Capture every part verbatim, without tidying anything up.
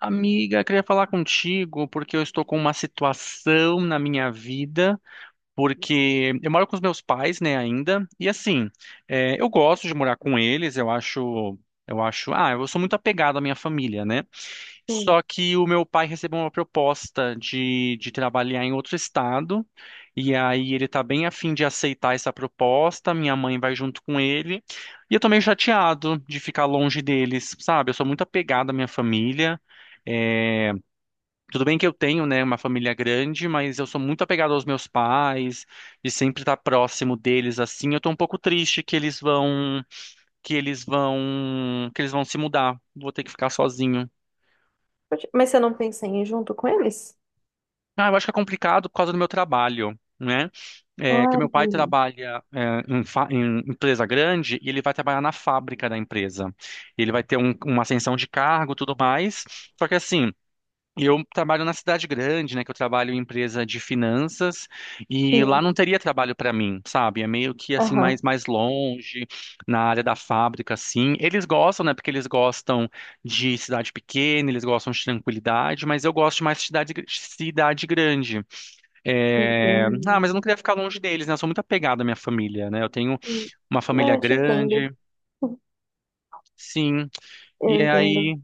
Amiga, queria falar contigo porque eu estou com uma situação na minha vida, porque eu moro com os meus pais, né, ainda, e assim, é, eu gosto de morar com eles, eu acho, eu acho, ah, eu sou muito apegado à minha família, né? Hum. Só que o meu pai recebeu uma proposta de, de trabalhar em outro estado, e aí ele tá bem afim de aceitar essa proposta, minha mãe vai junto com ele, e eu tô meio chateado de ficar longe deles, sabe? Eu sou muito apegado à minha família. Tudo bem que eu tenho, né, uma família grande, mas eu sou muito apegado aos meus pais e sempre estar próximo deles assim. Eu tô um pouco triste que eles vão, que eles vão, que eles vão se mudar. Vou ter que ficar sozinho. Pode- Mas você não pensa em ir junto com eles? Ah, eu acho que é complicado por causa do meu trabalho, né? É, que Ah, meu pai entendi. trabalha é, em, fa- em empresa grande e ele vai trabalhar na fábrica da empresa. Ele vai ter um- uma ascensão de cargo, tudo mais. Só que assim. E eu trabalho na cidade grande, né? Que eu trabalho em empresa de finanças e lá Sim. não teria trabalho para mim, sabe? É meio que assim mais Aham. mais longe na área da fábrica, assim. Eles gostam, né? Porque eles gostam de cidade pequena, eles gostam de tranquilidade, mas eu gosto de mais cidade gr- cidade grande. É, Ah, mas Entendi. eu não queria ficar longe deles, né? Eu sou muito apegado à minha família, né? Eu tenho Hum. uma Não, família eu te entendo. grande, sim. Eu E entendo. aí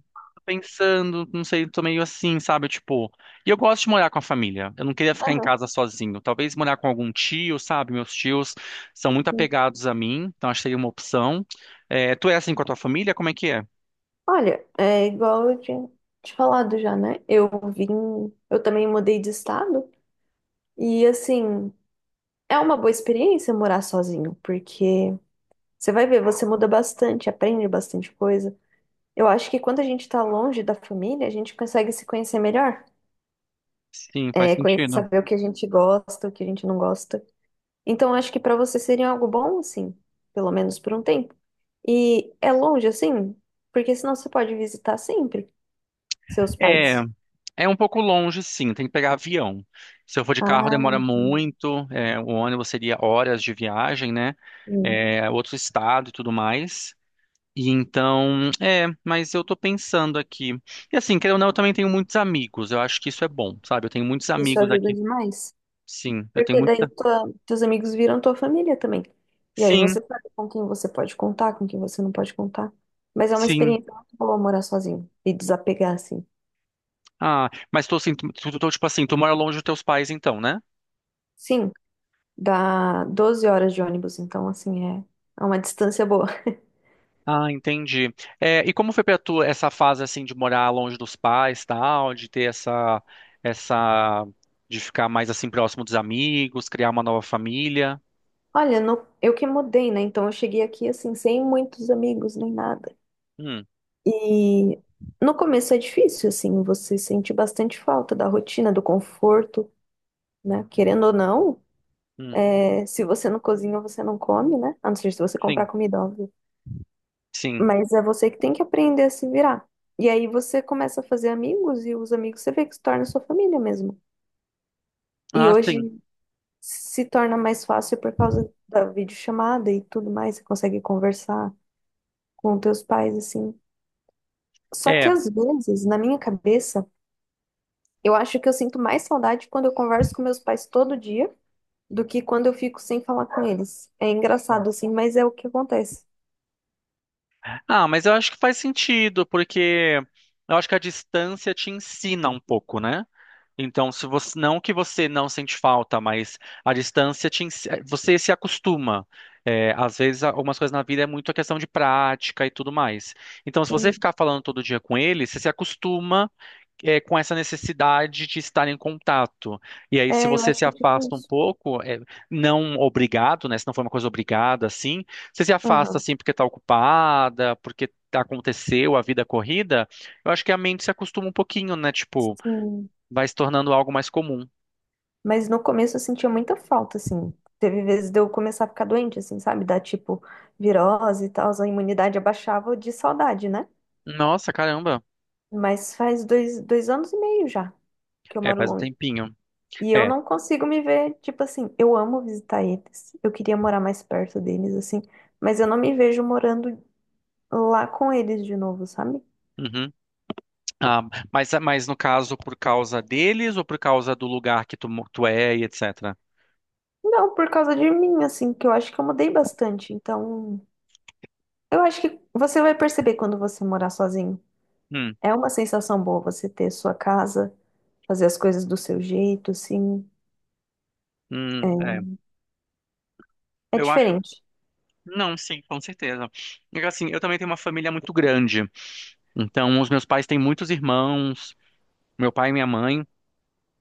pensando, não sei, tô meio assim, sabe? Tipo, e eu gosto de morar com a família. Eu não queria ficar em Aham, casa sozinho. Talvez morar com algum tio, sabe? Meus tios são muito sim. apegados a mim, então acho que seria uma opção. É, tu é assim com a tua família? Como é que é? Olha, é igual eu tinha te falado já, né? Eu vim, eu também mudei de estado e assim, é uma boa experiência morar sozinho, porque você vai ver, você muda bastante, aprende bastante coisa. Eu acho que quando a gente tá longe da família, a gente consegue se conhecer melhor. Sim, faz É, conhecer, sentido. saber o que a gente gosta, o que a gente não gosta. Então, acho que para você seria algo bom, assim, pelo menos por um tempo. E é longe, assim, porque senão você pode visitar sempre seus É, pais. é um pouco longe, sim, tem que pegar avião. Se eu for de carro, Ah, demora hum, muito. É, o ônibus seria horas de viagem, né? hum. É, outro estado e tudo mais. E então, é, mas eu tô pensando aqui. E assim, querendo ou não, eu também tenho muitos amigos. Eu acho que isso é bom, sabe? Eu tenho muitos Isso amigos ajuda aqui. demais. Sim, eu tenho Porque daí muita. tua, teus amigos viram tua família também. E aí você Sim, sabe com quem você pode contar, com quem você não pode contar. Mas é uma sim. experiência muito boa morar sozinho e desapegar, assim. Ah, mas tô assim, tu, tu, tu, tipo assim, tu mora longe dos teus pais então, né? Sim, dá doze horas de ônibus, então, assim, é é uma distância boa. Ah, entendi. É, e como foi pra tu essa fase assim de morar longe dos pais, tal, de ter essa essa de ficar mais assim próximo dos amigos, criar uma nova família? Olha, no- eu que mudei, né? Então eu cheguei aqui assim, sem muitos amigos nem nada. Hum, E no começo é difícil, assim, você sente bastante falta da rotina, do conforto, né? Querendo ou não, hum, é, se você não cozinha, você não come, né? A não ser se você comprar sim, comida, óbvio. sim. Mas é você que tem que aprender a se virar. E aí você começa a fazer amigos e os amigos você vê que se torna sua família mesmo. E Ah, hoje sim. se torna mais fácil por causa da videochamada e tudo mais, você consegue conversar com teus pais, assim. Só que É. às vezes, na minha cabeça, eu acho que eu sinto mais saudade quando eu converso com meus pais todo dia do que quando eu fico sem falar com eles. É engraçado, assim, mas é o que acontece. Ah, mas eu acho que faz sentido, porque eu acho que a distância te ensina um pouco, né? Então, se você, não que você não sente falta, mas a distância te, ens- você se acostuma. É, às vezes, algumas coisas na vida é muito a questão de prática e tudo mais. Então, se você Sim. ficar falando todo dia com ele, você se acostuma é, com essa necessidade de estar em contato. E aí, se É, eu você acho se que é tipo afasta um isso. pouco, é, não obrigado, né? Se não foi uma coisa obrigada, assim, você se afasta Aham. assim porque está ocupada, porque aconteceu a vida corrida, eu acho que a mente se acostuma um pouquinho, né? Tipo, Sim. vai se tornando algo mais comum. Mas no começo eu sentia muita falta, assim. Teve vezes de eu começar a ficar doente, assim, sabe? Dar tipo virose e tal, a imunidade abaixava de saudade, né? Nossa, caramba. Mas faz dois, dois anos e meio já que eu É, moro faz um longe. tempinho. E eu É. não consigo me ver, tipo assim, eu amo visitar eles, eu queria morar mais perto deles, assim, mas eu não me vejo morando lá com eles de novo, sabe? Uhum. Ah, mas, mas no caso, por causa deles ou por causa do lugar que tu, mo- tu é e etc? Não, por causa de mim, assim, que eu acho que eu mudei bastante, então eu acho que você vai perceber quando você morar sozinho. Hum, É uma sensação boa você ter sua casa, fazer as coisas do seu jeito, assim, hum, é é. é Eu acho. diferente. Não, sim, com certeza. E, Assim, eu também tenho uma família muito grande. Então, os meus pais têm muitos irmãos, meu pai e minha mãe.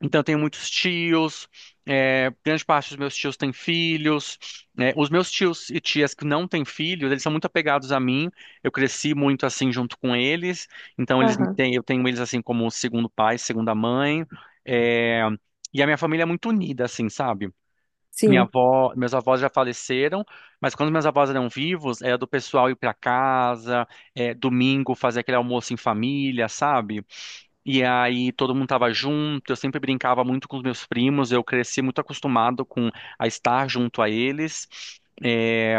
Então, eu tenho muitos tios. É, grande parte dos meus tios têm filhos. Né? Os meus tios e tias que não têm filhos, eles são muito apegados a mim. Eu cresci muito assim junto com eles. Então, eles me Aham. têm, eu tenho eles assim como segundo pai, segunda mãe. É, e a minha família é muito unida, assim, sabe? Minha Sim, avó, meus avós já faleceram, mas quando meus avós eram vivos, era do pessoal ir para casa, é, domingo fazer aquele almoço em família, sabe? E aí todo mundo tava junto, eu sempre brincava muito com os meus primos, eu cresci muito acostumado com a estar junto a eles. É,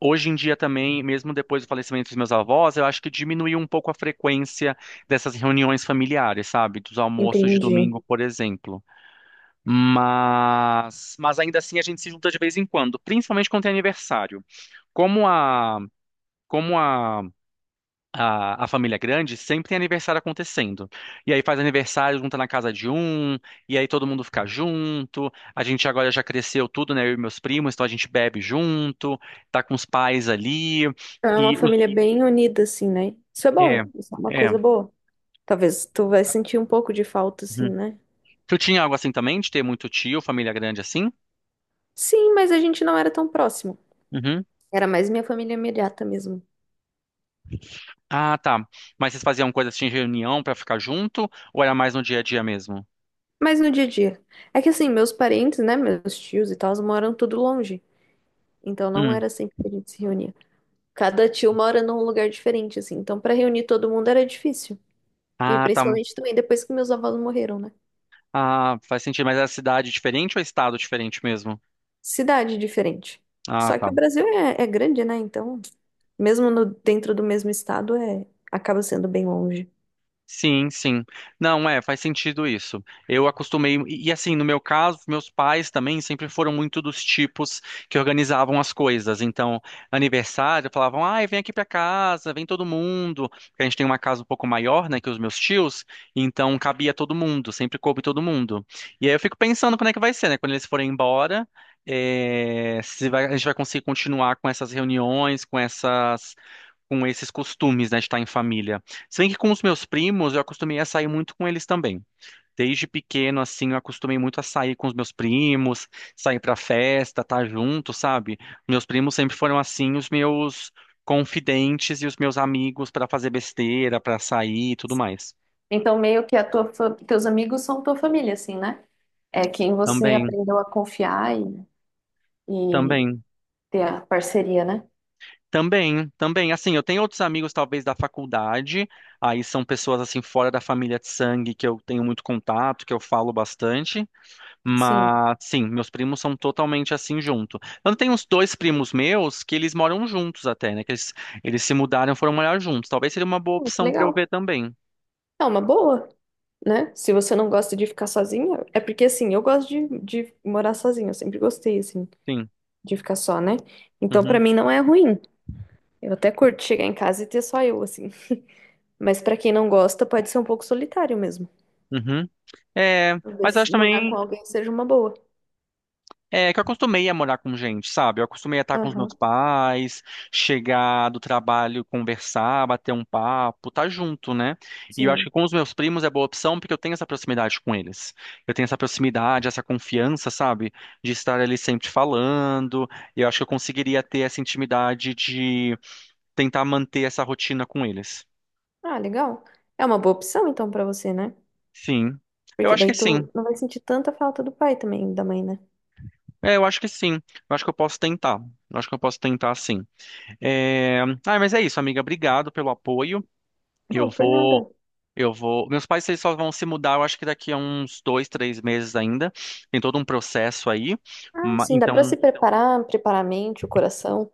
hoje em dia também, mesmo depois do falecimento dos meus avós, eu acho que diminuiu um pouco a frequência dessas reuniões familiares, sabe? Dos almoços de entendi. domingo, por exemplo. Mas, mas ainda assim a gente se junta de vez em quando, principalmente quando tem aniversário. Como a, como a, a, a família é grande, sempre tem aniversário acontecendo. E aí faz aniversário, junta na casa de um, e aí todo mundo fica junto. A gente agora já cresceu tudo, né? Eu e meus primos, então a gente bebe junto, tá com os pais ali. É uma E os, família bem unida, assim, né? Isso é é, bom, isso é uma é. coisa boa. Talvez tu vai sentir um pouco de falta, assim, Uhum. né? Tu tinha algo assim também, de ter muito tio, família grande assim? Sim, mas a gente não era tão próximo. Era mais minha família imediata mesmo. Ah, tá. Mas vocês faziam coisas assim, em reunião pra ficar junto? Ou era mais no dia a dia mesmo? Mas no dia a dia. É que assim, meus parentes, né, meus tios e tal, moram tudo longe. Então não Hum. era sempre que a gente se reunia. Cada tio mora num lugar diferente, assim. Então pra reunir todo mundo era difícil. E Ah, tá. principalmente também depois que meus avós morreram, né? Ah, faz sentido. Mas é cidade diferente ou é estado diferente mesmo? Cidade diferente. Ah, Só que tá. o Brasil é, é grande, né? Então, mesmo no- dentro do mesmo estado, é, acaba sendo bem longe. Sim, sim. Não, é, faz sentido isso. Eu acostumei, e e assim, no meu caso, meus pais também sempre foram muito dos tipos que organizavam as coisas. Então, aniversário, falavam, ai, vem aqui pra casa, vem todo mundo. Porque a gente tem uma casa um pouco maior, né, que os meus tios, então cabia todo mundo, sempre coube todo mundo. E aí eu fico pensando como é que vai ser, né, quando eles forem embora, é, se vai- a gente vai conseguir continuar com essas reuniões, com essas, com esses costumes, né, de estar em família. Se bem que com os meus primos, eu acostumei a sair muito com eles também. Desde pequeno, assim, eu acostumei muito a sair com os meus primos, sair pra festa, estar junto, sabe? Meus primos sempre foram, assim, os meus confidentes e os meus amigos pra fazer besteira, pra sair e tudo mais. Então, meio que a tua, fa- teus amigos são tua família, assim, né? É quem você Também, aprendeu a confiar e, e também. ter a parceria, né? Também, também, assim, eu tenho outros amigos talvez da faculdade, aí são pessoas assim fora da família de sangue que eu tenho muito contato, que eu falo bastante. Sim. Mas sim, meus primos são totalmente assim junto. Eu tenho uns dois primos meus que eles moram juntos até, né? Que eles, eles se mudaram, foram morar juntos. Talvez seria uma boa Pô, que opção para eu legal. ver também. É uma boa, né? Se você não gosta de ficar sozinha, é porque assim, eu gosto de, de morar sozinha, eu sempre gostei, assim, Sim. de ficar só, né? Então, pra Uhum. mim não é ruim. Eu até curto chegar em casa e ter só eu, assim. Mas pra quem não gosta, pode ser um pouco solitário mesmo. Uhum. É, Talvez mas eu acho morar com também. alguém seja uma boa. É que eu acostumei a morar com gente, sabe? Eu acostumei a estar com os Aham, meus pais, chegar do trabalho, conversar, bater um papo, tá junto, né? E eu acho sim. que com os meus primos é boa opção porque eu tenho essa proximidade com eles. Eu tenho essa proximidade, essa confiança, sabe? De estar ali sempre falando. Eu acho que eu conseguiria ter essa intimidade de tentar manter essa rotina com eles. Ah, legal. É uma boa opção então pra você, né? Sim. Eu Porque acho que daí sim. tu não vai sentir tanta falta do pai também, da mãe, né? É, eu acho que sim. Eu acho que eu posso tentar. Eu acho que eu posso tentar sim. É, ah, mas é isso, amiga. Obrigado pelo apoio. Não, Eu por vou, nada. eu vou. Meus pais eles só vão se mudar, eu acho que daqui a uns dois, três meses ainda. Tem todo um processo aí. Ah, Ma- sim, dá pra Então, se preparar, preparar a mente, o coração.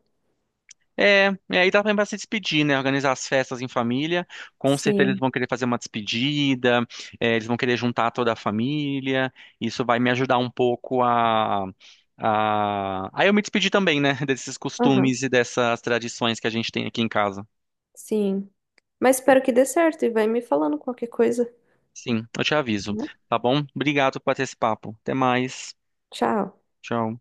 é, é aí dá também para se despedir, né? Organizar as festas em família. Com certeza eles Sim. vão querer fazer uma despedida. É, eles vão querer juntar toda a família. Isso vai me ajudar um pouco a a... Aí eu me despedir também, né? Desses Aham, costumes e dessas tradições que a gente tem aqui em casa. sim. Mas espero que dê certo e vai me falando qualquer coisa, Sim, eu te aviso. né? Tá bom? Obrigado por ter esse papo. Até mais. Tchau. Tchau.